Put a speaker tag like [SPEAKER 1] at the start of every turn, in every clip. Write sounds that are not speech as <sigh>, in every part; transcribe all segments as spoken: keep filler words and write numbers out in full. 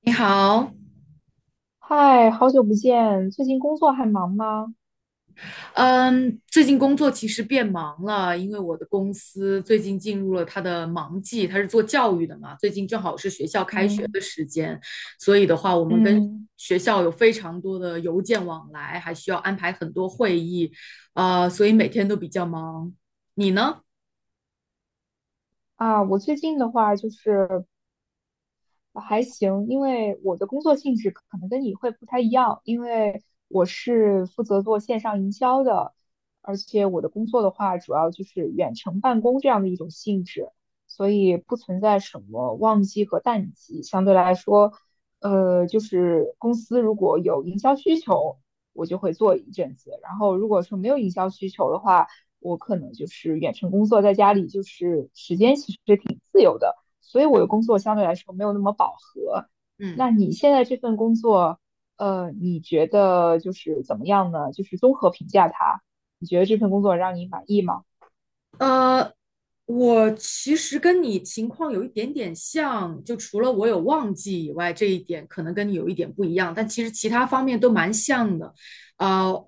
[SPEAKER 1] 你好，
[SPEAKER 2] 嗨，好久不见，最近工作还忙吗？
[SPEAKER 1] 嗯，最近工作其实变忙了，因为我的公司最近进入了它的忙季，它是做教育的嘛，最近正好是学校开学
[SPEAKER 2] 嗯
[SPEAKER 1] 的时间，所以的话，我们跟
[SPEAKER 2] 嗯，
[SPEAKER 1] 学校有非常多的邮件往来，还需要安排很多会议，呃，所以每天都比较忙。你呢？
[SPEAKER 2] 啊，我最近的话就是，呃还行，因为我的工作性质可能跟你会不太一样，因为我是负责做线上营销的，而且我的工作的话，主要就是远程办公这样的一种性质，所以不存在什么旺季和淡季。相对来说，呃，就是公司如果有营销需求，我就会做一阵子，然后如果说没有营销需求的话，我可能就是远程工作，在家里就是时间其实是挺自由的。所以我的工作相对来说没有那么饱和。
[SPEAKER 1] 嗯。
[SPEAKER 2] 那你现在这份工作，呃，你觉得就是怎么样呢？就是综合评价它，你觉得这份工作让你满意吗？
[SPEAKER 1] 呃，我其实跟你情况有一点点像，就除了我有忘记以外，这一点可能跟你有一点不一样，但其实其他方面都蛮像的。呃，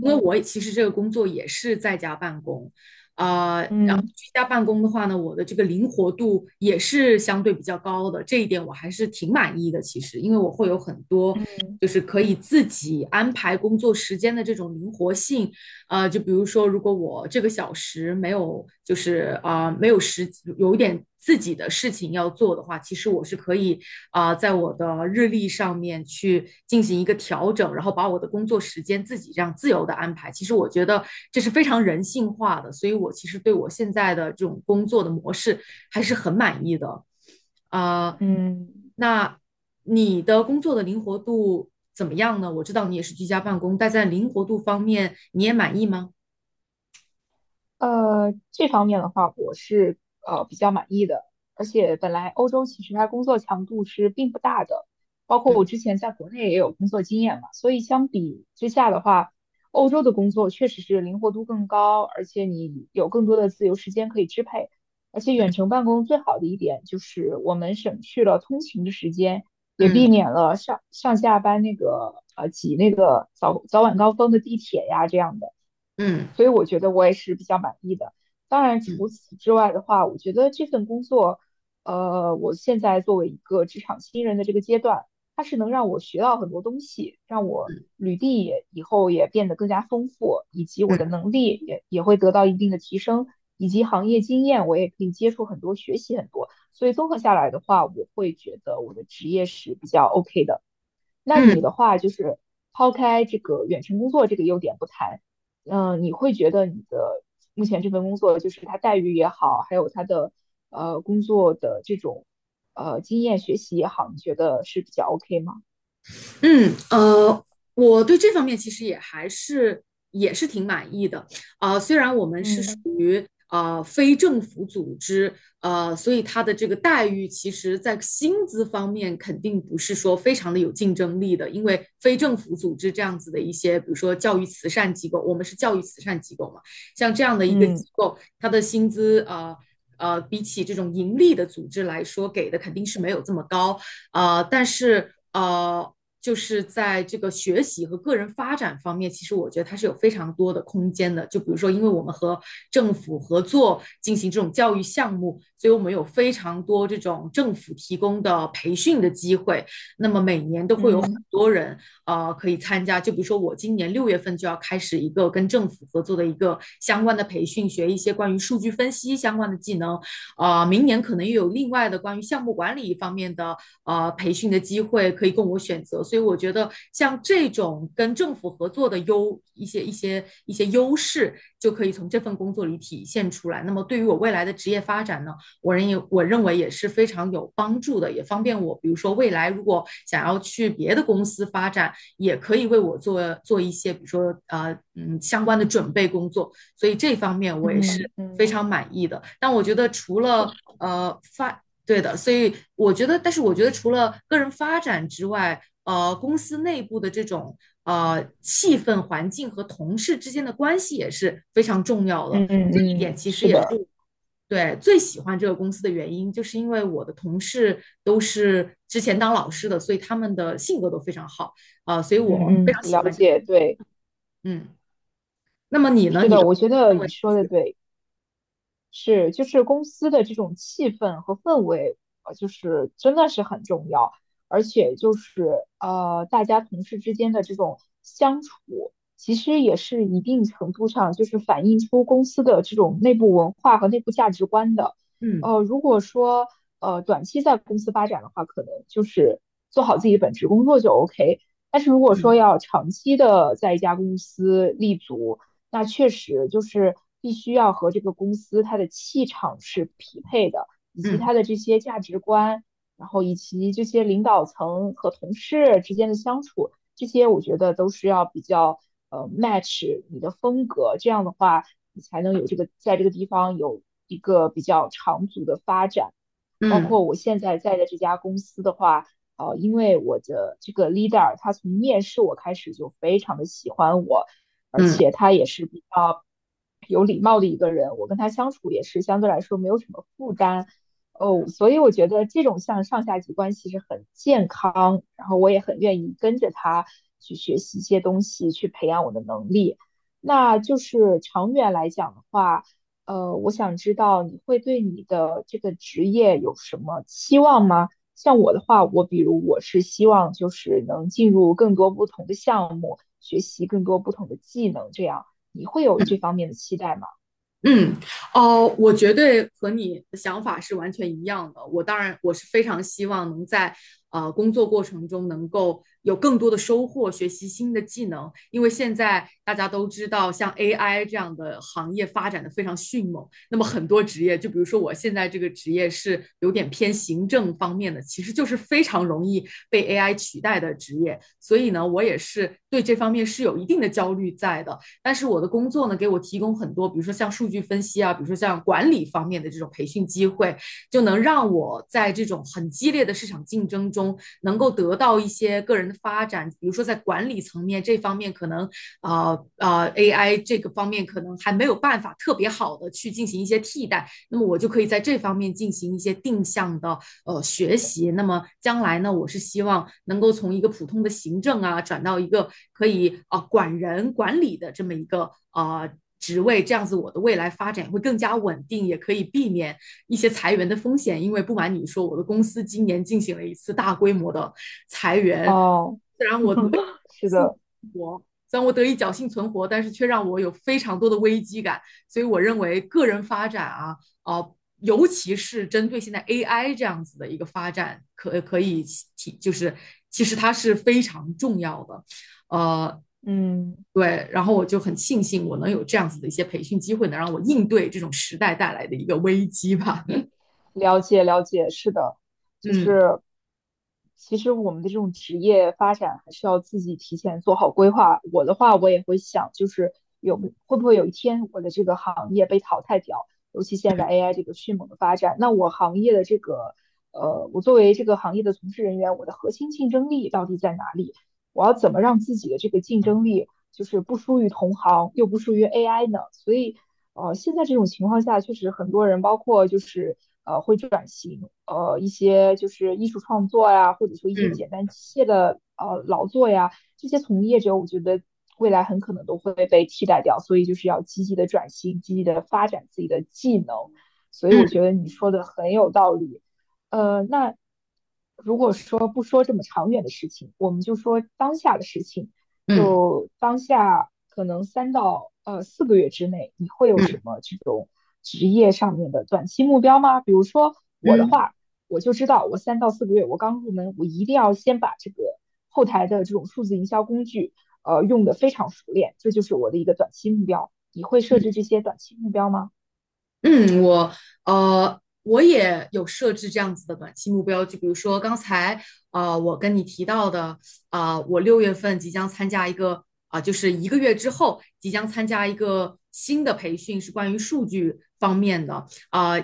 [SPEAKER 1] 因为我也其实这个工作也是在家办公，啊，然后
[SPEAKER 2] 嗯
[SPEAKER 1] 居家办公的话呢，我的这个灵活度也是相对比较高的，这一点我还是挺满意的。其实，因为我会有很多
[SPEAKER 2] 嗯
[SPEAKER 1] 就是可以自己安排工作时间的这种灵活性。呃，就比如说，如果我这个小时没有，就是啊、呃没有时，有一点自己的事情要做的话，其实我是可以啊、呃在我的日历上面去进行一个调整，然后把我的工作时间自己这样自由的安排。其实我觉得这是非常人性化的，所以我其实对我现在的这种工作的模式还是很满意的。呃，
[SPEAKER 2] 嗯，
[SPEAKER 1] 那你的工作的灵活度怎么样呢？我知道你也是居家办公，但在灵活度方面，你也满意吗？
[SPEAKER 2] 呃，这方面的话，我是呃比较满意的，而且本来欧洲其实它工作强度是并不大的，包括我
[SPEAKER 1] 嗯
[SPEAKER 2] 之前在国内也有工作经验嘛，所以相比之下的话，欧洲的工作确实是灵活度更高，而且你有更多的自由时间可以支配，而且远程办公最好的一点就是我们省去了通勤的时间，也
[SPEAKER 1] 嗯
[SPEAKER 2] 避免了上上下班那个呃挤那个早早晚高峰的地铁呀这样的。
[SPEAKER 1] 嗯
[SPEAKER 2] 所以我觉得我也是比较满意的。当然，除
[SPEAKER 1] 嗯
[SPEAKER 2] 此之外的话，我觉得这份工作，呃，我现在作为一个职场新人的这个阶段，它是能让我学到很多东西，让我
[SPEAKER 1] 嗯
[SPEAKER 2] 履历也以后也变得更加丰富，以及我的
[SPEAKER 1] 嗯。
[SPEAKER 2] 能力也也会得到一定的提升，以及行业经验我也可以接触很多，学习很多。所以综合下来的话，我会觉得我的职业是比较 OK 的。那你
[SPEAKER 1] 嗯。
[SPEAKER 2] 的话就是抛开这个远程工作这个优点不谈，嗯、你会觉得你的目前这份工作，就是它待遇也好，还有它的呃工作的这种呃经验学习也好，你觉得是比较 OK 吗？
[SPEAKER 1] 嗯，呃，我对这方面其实也还是也是挺满意的啊、虽然我们是属
[SPEAKER 2] 嗯
[SPEAKER 1] 于呃非政府组织，呃，所以它的这个待遇，其实在薪资方面肯定不是说非常的有竞争力的，因为非政府组织这样子的一些，比如说教育慈善机构，我们是教育慈善机构嘛，像这样的一个
[SPEAKER 2] 嗯
[SPEAKER 1] 机构，它的薪资呃呃，比起这种盈利的组织来说，给的肯定是没有这么高。呃，但是呃，就是在这个学习和个人发展方面，其实我觉得它是有非常多的空间的。就比如说，因为我们和政府合作进行这种教育项目，所以我们有非常多这种政府提供的培训的机会。那么每年都会有很
[SPEAKER 2] 嗯
[SPEAKER 1] 多人呃可以参加。就比如说，我今年六月份就要开始一个跟政府合作的一个相关的培训，学一些关于数据分析相关的技能。呃，明年可能又有另外的关于项目管理方面的呃培训的机会可以供我选择，所以我觉得像这种跟政府合作的优一些一些一些优势，就可以从这份工作里体现出来。那么对于我未来的职业发展呢，我认为我认为也是非常有帮助的，也方便我，比如说未来如果想要去别的公司发展，也可以为我做做一些，比如说呃嗯相关的准备工作。所以这方面我也是
[SPEAKER 2] 嗯
[SPEAKER 1] 非
[SPEAKER 2] 嗯，
[SPEAKER 1] 常满意的。但我觉得除了
[SPEAKER 2] 是，
[SPEAKER 1] 呃发对的，所以我觉得，但是我觉得除了个人发展之外，呃，公司内部的这种呃气氛、环境和同事之间的关系也是非常重要的。
[SPEAKER 2] 嗯
[SPEAKER 1] 这一
[SPEAKER 2] 嗯嗯，
[SPEAKER 1] 点其实
[SPEAKER 2] 是
[SPEAKER 1] 也是
[SPEAKER 2] 的，
[SPEAKER 1] 对最喜欢这个公司的原因，就是因为我的同事都是之前当老师的，所以他们的性格都非常好啊、呃所以我
[SPEAKER 2] 嗯
[SPEAKER 1] 非
[SPEAKER 2] 嗯，
[SPEAKER 1] 常喜
[SPEAKER 2] 了
[SPEAKER 1] 欢这。
[SPEAKER 2] 解，对，
[SPEAKER 1] 嗯，那么你呢？
[SPEAKER 2] 是
[SPEAKER 1] 你
[SPEAKER 2] 的，
[SPEAKER 1] 的
[SPEAKER 2] 我觉得
[SPEAKER 1] 认
[SPEAKER 2] 你
[SPEAKER 1] 为？
[SPEAKER 2] 说的对。是，就是公司的这种气氛和氛围，呃，就是真的是很重要，而且就是呃，大家同事之间的这种相处，其实也是一定程度上就是反映出公司的这种内部文化和内部价值观的。呃，如果说呃短期在公司发展的话，可能就是做好自己本职工作就 OK。但是如果说
[SPEAKER 1] 嗯
[SPEAKER 2] 要长期的在一家公司立足，那确实就是必须要和这个公司它的气场是匹配的，以及
[SPEAKER 1] 嗯
[SPEAKER 2] 它的这些价值观，然后以及这些领导层和同事之间的相处，这些我觉得都是要比较呃 match 你的风格，这样的话你才能有这个在这个地方有一个比较长足的发展。
[SPEAKER 1] 嗯
[SPEAKER 2] 包
[SPEAKER 1] 嗯嗯。
[SPEAKER 2] 括我现在在的这家公司的话，呃，因为我的这个 leader 他从面试我开始就非常的喜欢我，而
[SPEAKER 1] 嗯
[SPEAKER 2] 且他也是比较有礼貌的一个人，我跟他相处也是相对来说没有什么负担。哦，所以我觉得这种像上下级关系是很健康，然后我也很愿意跟着他去学习一些东西，去培养我的能力。那就是长远来讲的话，呃，我想知道你会对你的这个职业有什么期望吗？像我的话，我比如我是希望就是能进入更多不同的项目，学习更多不同的技能，这样你会有这
[SPEAKER 1] 嗯
[SPEAKER 2] 方面的期待吗？
[SPEAKER 1] 嗯，哦，我绝对和你的想法是完全一样的。我当然，我是非常希望能在呃工作过程中能够有更多的收获，学习新的技能。因为现在大家都知道，像 A I 这样的行业发展的非常迅猛，那么很多职业，就比如说我现在这个职业是有点偏行政方面的，其实就是非常容易被 A I 取代的职业。所以呢，我也是对这方面是有一定的焦虑在的。但是我的工作呢，给我提供很多，比如说像数据分析啊，比如说像管理方面的这种培训机会，就能让我在这种很激烈的市场竞争中，能够得到一些个人的发展。比如说在管理层面这方面，可能啊啊、呃呃、A I 这个方面可能还没有办法特别好的去进行一些替代，那么我就可以在这方面进行一些定向的呃学习。那么将来呢，我是希望能够从一个普通的行政啊，转到一个可以啊、呃管人管理的这么一个啊。呃职位这样子，我的未来发展会更加稳定，也可以避免一些裁员的风险。因为不瞒你说，我的公司今年进行了一次大规模的裁员，
[SPEAKER 2] 哦，
[SPEAKER 1] 虽然我得以
[SPEAKER 2] <laughs> 是
[SPEAKER 1] 幸
[SPEAKER 2] 的，
[SPEAKER 1] 活，虽然我得以侥幸存活，但是却让我有非常多的危机感。所以我认为个人发展啊，呃，尤其是针对现在 A I 这样子的一个发展，可可以提，就是其实它是非常重要的，呃，
[SPEAKER 2] 嗯。
[SPEAKER 1] 对，然后我就很庆幸我能有这样子的一些培训机会，能让我应对这种时代带来的一个危机吧。<laughs>
[SPEAKER 2] 了解了解，是的，就
[SPEAKER 1] 嗯
[SPEAKER 2] 是其实我们的这种职业发展还是要自己提前做好规划。我的话，我也会想，就是有没会不会有一天我的这个行业被淘汰掉，尤其现在 A I 这个迅猛的发展，那我行业的这个呃，我作为这个行业的从事人员，我的核心竞争力到底在哪里？我要怎么让自己的这个竞争力就是不输于同行，又不输于 A I 呢？所以呃，现在这种情况下，确实很多人，包括就是呃，会转型，呃，一些就是艺术创作呀，或者说一些
[SPEAKER 1] 嗯
[SPEAKER 2] 简单机械的呃劳作呀，这些从业者，我觉得未来很可能都会被替代掉，所以就是要积极的转型，积极的发展自己的技能，所以我
[SPEAKER 1] 嗯
[SPEAKER 2] 觉得你说的很有道理。呃，那如果说不说这么长远的事情，我们就说当下的事情。
[SPEAKER 1] 嗯
[SPEAKER 2] 就当下可能三到呃四个月之内，你会有什
[SPEAKER 1] 嗯
[SPEAKER 2] 么这种职业上面的短期目标吗？比如说我的
[SPEAKER 1] 嗯。
[SPEAKER 2] 话，我就知道我三到四个月，我刚入门，我一定要先把这个后台的这种数字营销工具，呃，用得非常熟练，这就是我的一个短期目标。你会设置这些短期目标吗？
[SPEAKER 1] 嗯，我呃，我也有设置这样子的短期目标，就比如说刚才呃，我跟你提到的，啊、我六月份即将参加一个啊、就是一个月之后即将参加一个新的培训，是关于数据方面的啊、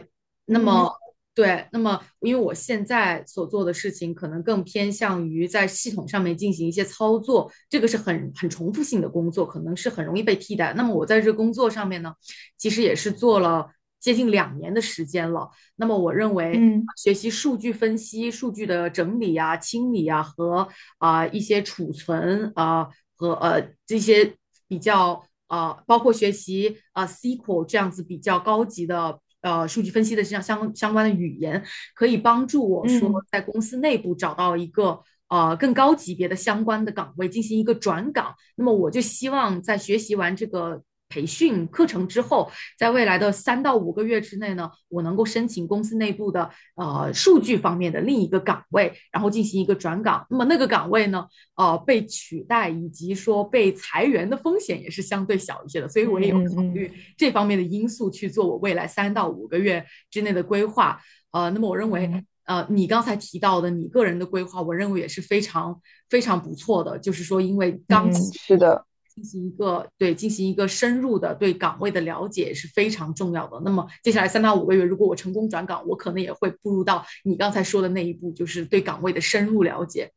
[SPEAKER 1] 那么
[SPEAKER 2] 嗯
[SPEAKER 1] 对，那么因为我现在所做的事情可能更偏向于在系统上面进行一些操作，这个是很很重复性的工作，可能是很容易被替代。那么我在这个工作上面呢？其实也是做了接近两年的时间了。那么我认为。
[SPEAKER 2] 嗯
[SPEAKER 1] 学习数据分析、数据的整理啊、清理啊和啊、呃一些储存啊、呃和呃这些比较啊、呃包括学习啊、S Q L 这样子比较高级的呃数据分析的这样相相关的语言，可以帮助我说
[SPEAKER 2] 嗯
[SPEAKER 1] 在公司内部找到一个呃更高级别的相关的岗位进行一个转岗。那么我就希望在学习完这个培训课程之后，在未来的三到五个月之内呢，我能够申请公司内部的呃数据方面的另一个岗位，然后进行一个转岗。那么那个岗位呢，呃被取代以及说被裁员的风险也是相对小一些的，所以我也
[SPEAKER 2] 嗯
[SPEAKER 1] 有
[SPEAKER 2] 嗯
[SPEAKER 1] 考
[SPEAKER 2] 嗯
[SPEAKER 1] 虑这方面的因素去做我未来三到五个月之内的规划。呃，那么我认为，
[SPEAKER 2] 嗯，
[SPEAKER 1] 呃，你刚才提到的你个人的规划，我认为也是非常非常不错的。就是说，因为刚
[SPEAKER 2] 嗯，
[SPEAKER 1] 起
[SPEAKER 2] 是
[SPEAKER 1] 步，
[SPEAKER 2] 的，
[SPEAKER 1] 进行一个对进行一个深入的对岗位的了解是非常重要的。那么接下来三到五个月，如果我成功转岗，我可能也会步入到你刚才说的那一步，就是对岗位的深入了解。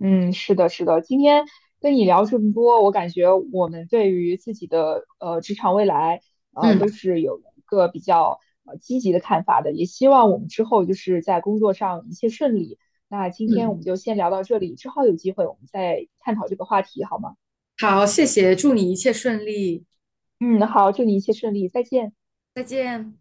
[SPEAKER 2] 嗯，是的，是的。今天跟你聊这么多，我感觉我们对于自己的呃职场未来，呃，都
[SPEAKER 1] 嗯
[SPEAKER 2] 是有一个比较呃积极的看法的。也希望我们之后就是在工作上一切顺利。那今天我
[SPEAKER 1] 嗯，
[SPEAKER 2] 们就先聊到这里，之后有机会我们再探讨这个话题，好吗？
[SPEAKER 1] 好，谢谢，祝你一切顺利，
[SPEAKER 2] 嗯，好，祝你一切顺利，再见。
[SPEAKER 1] 再见。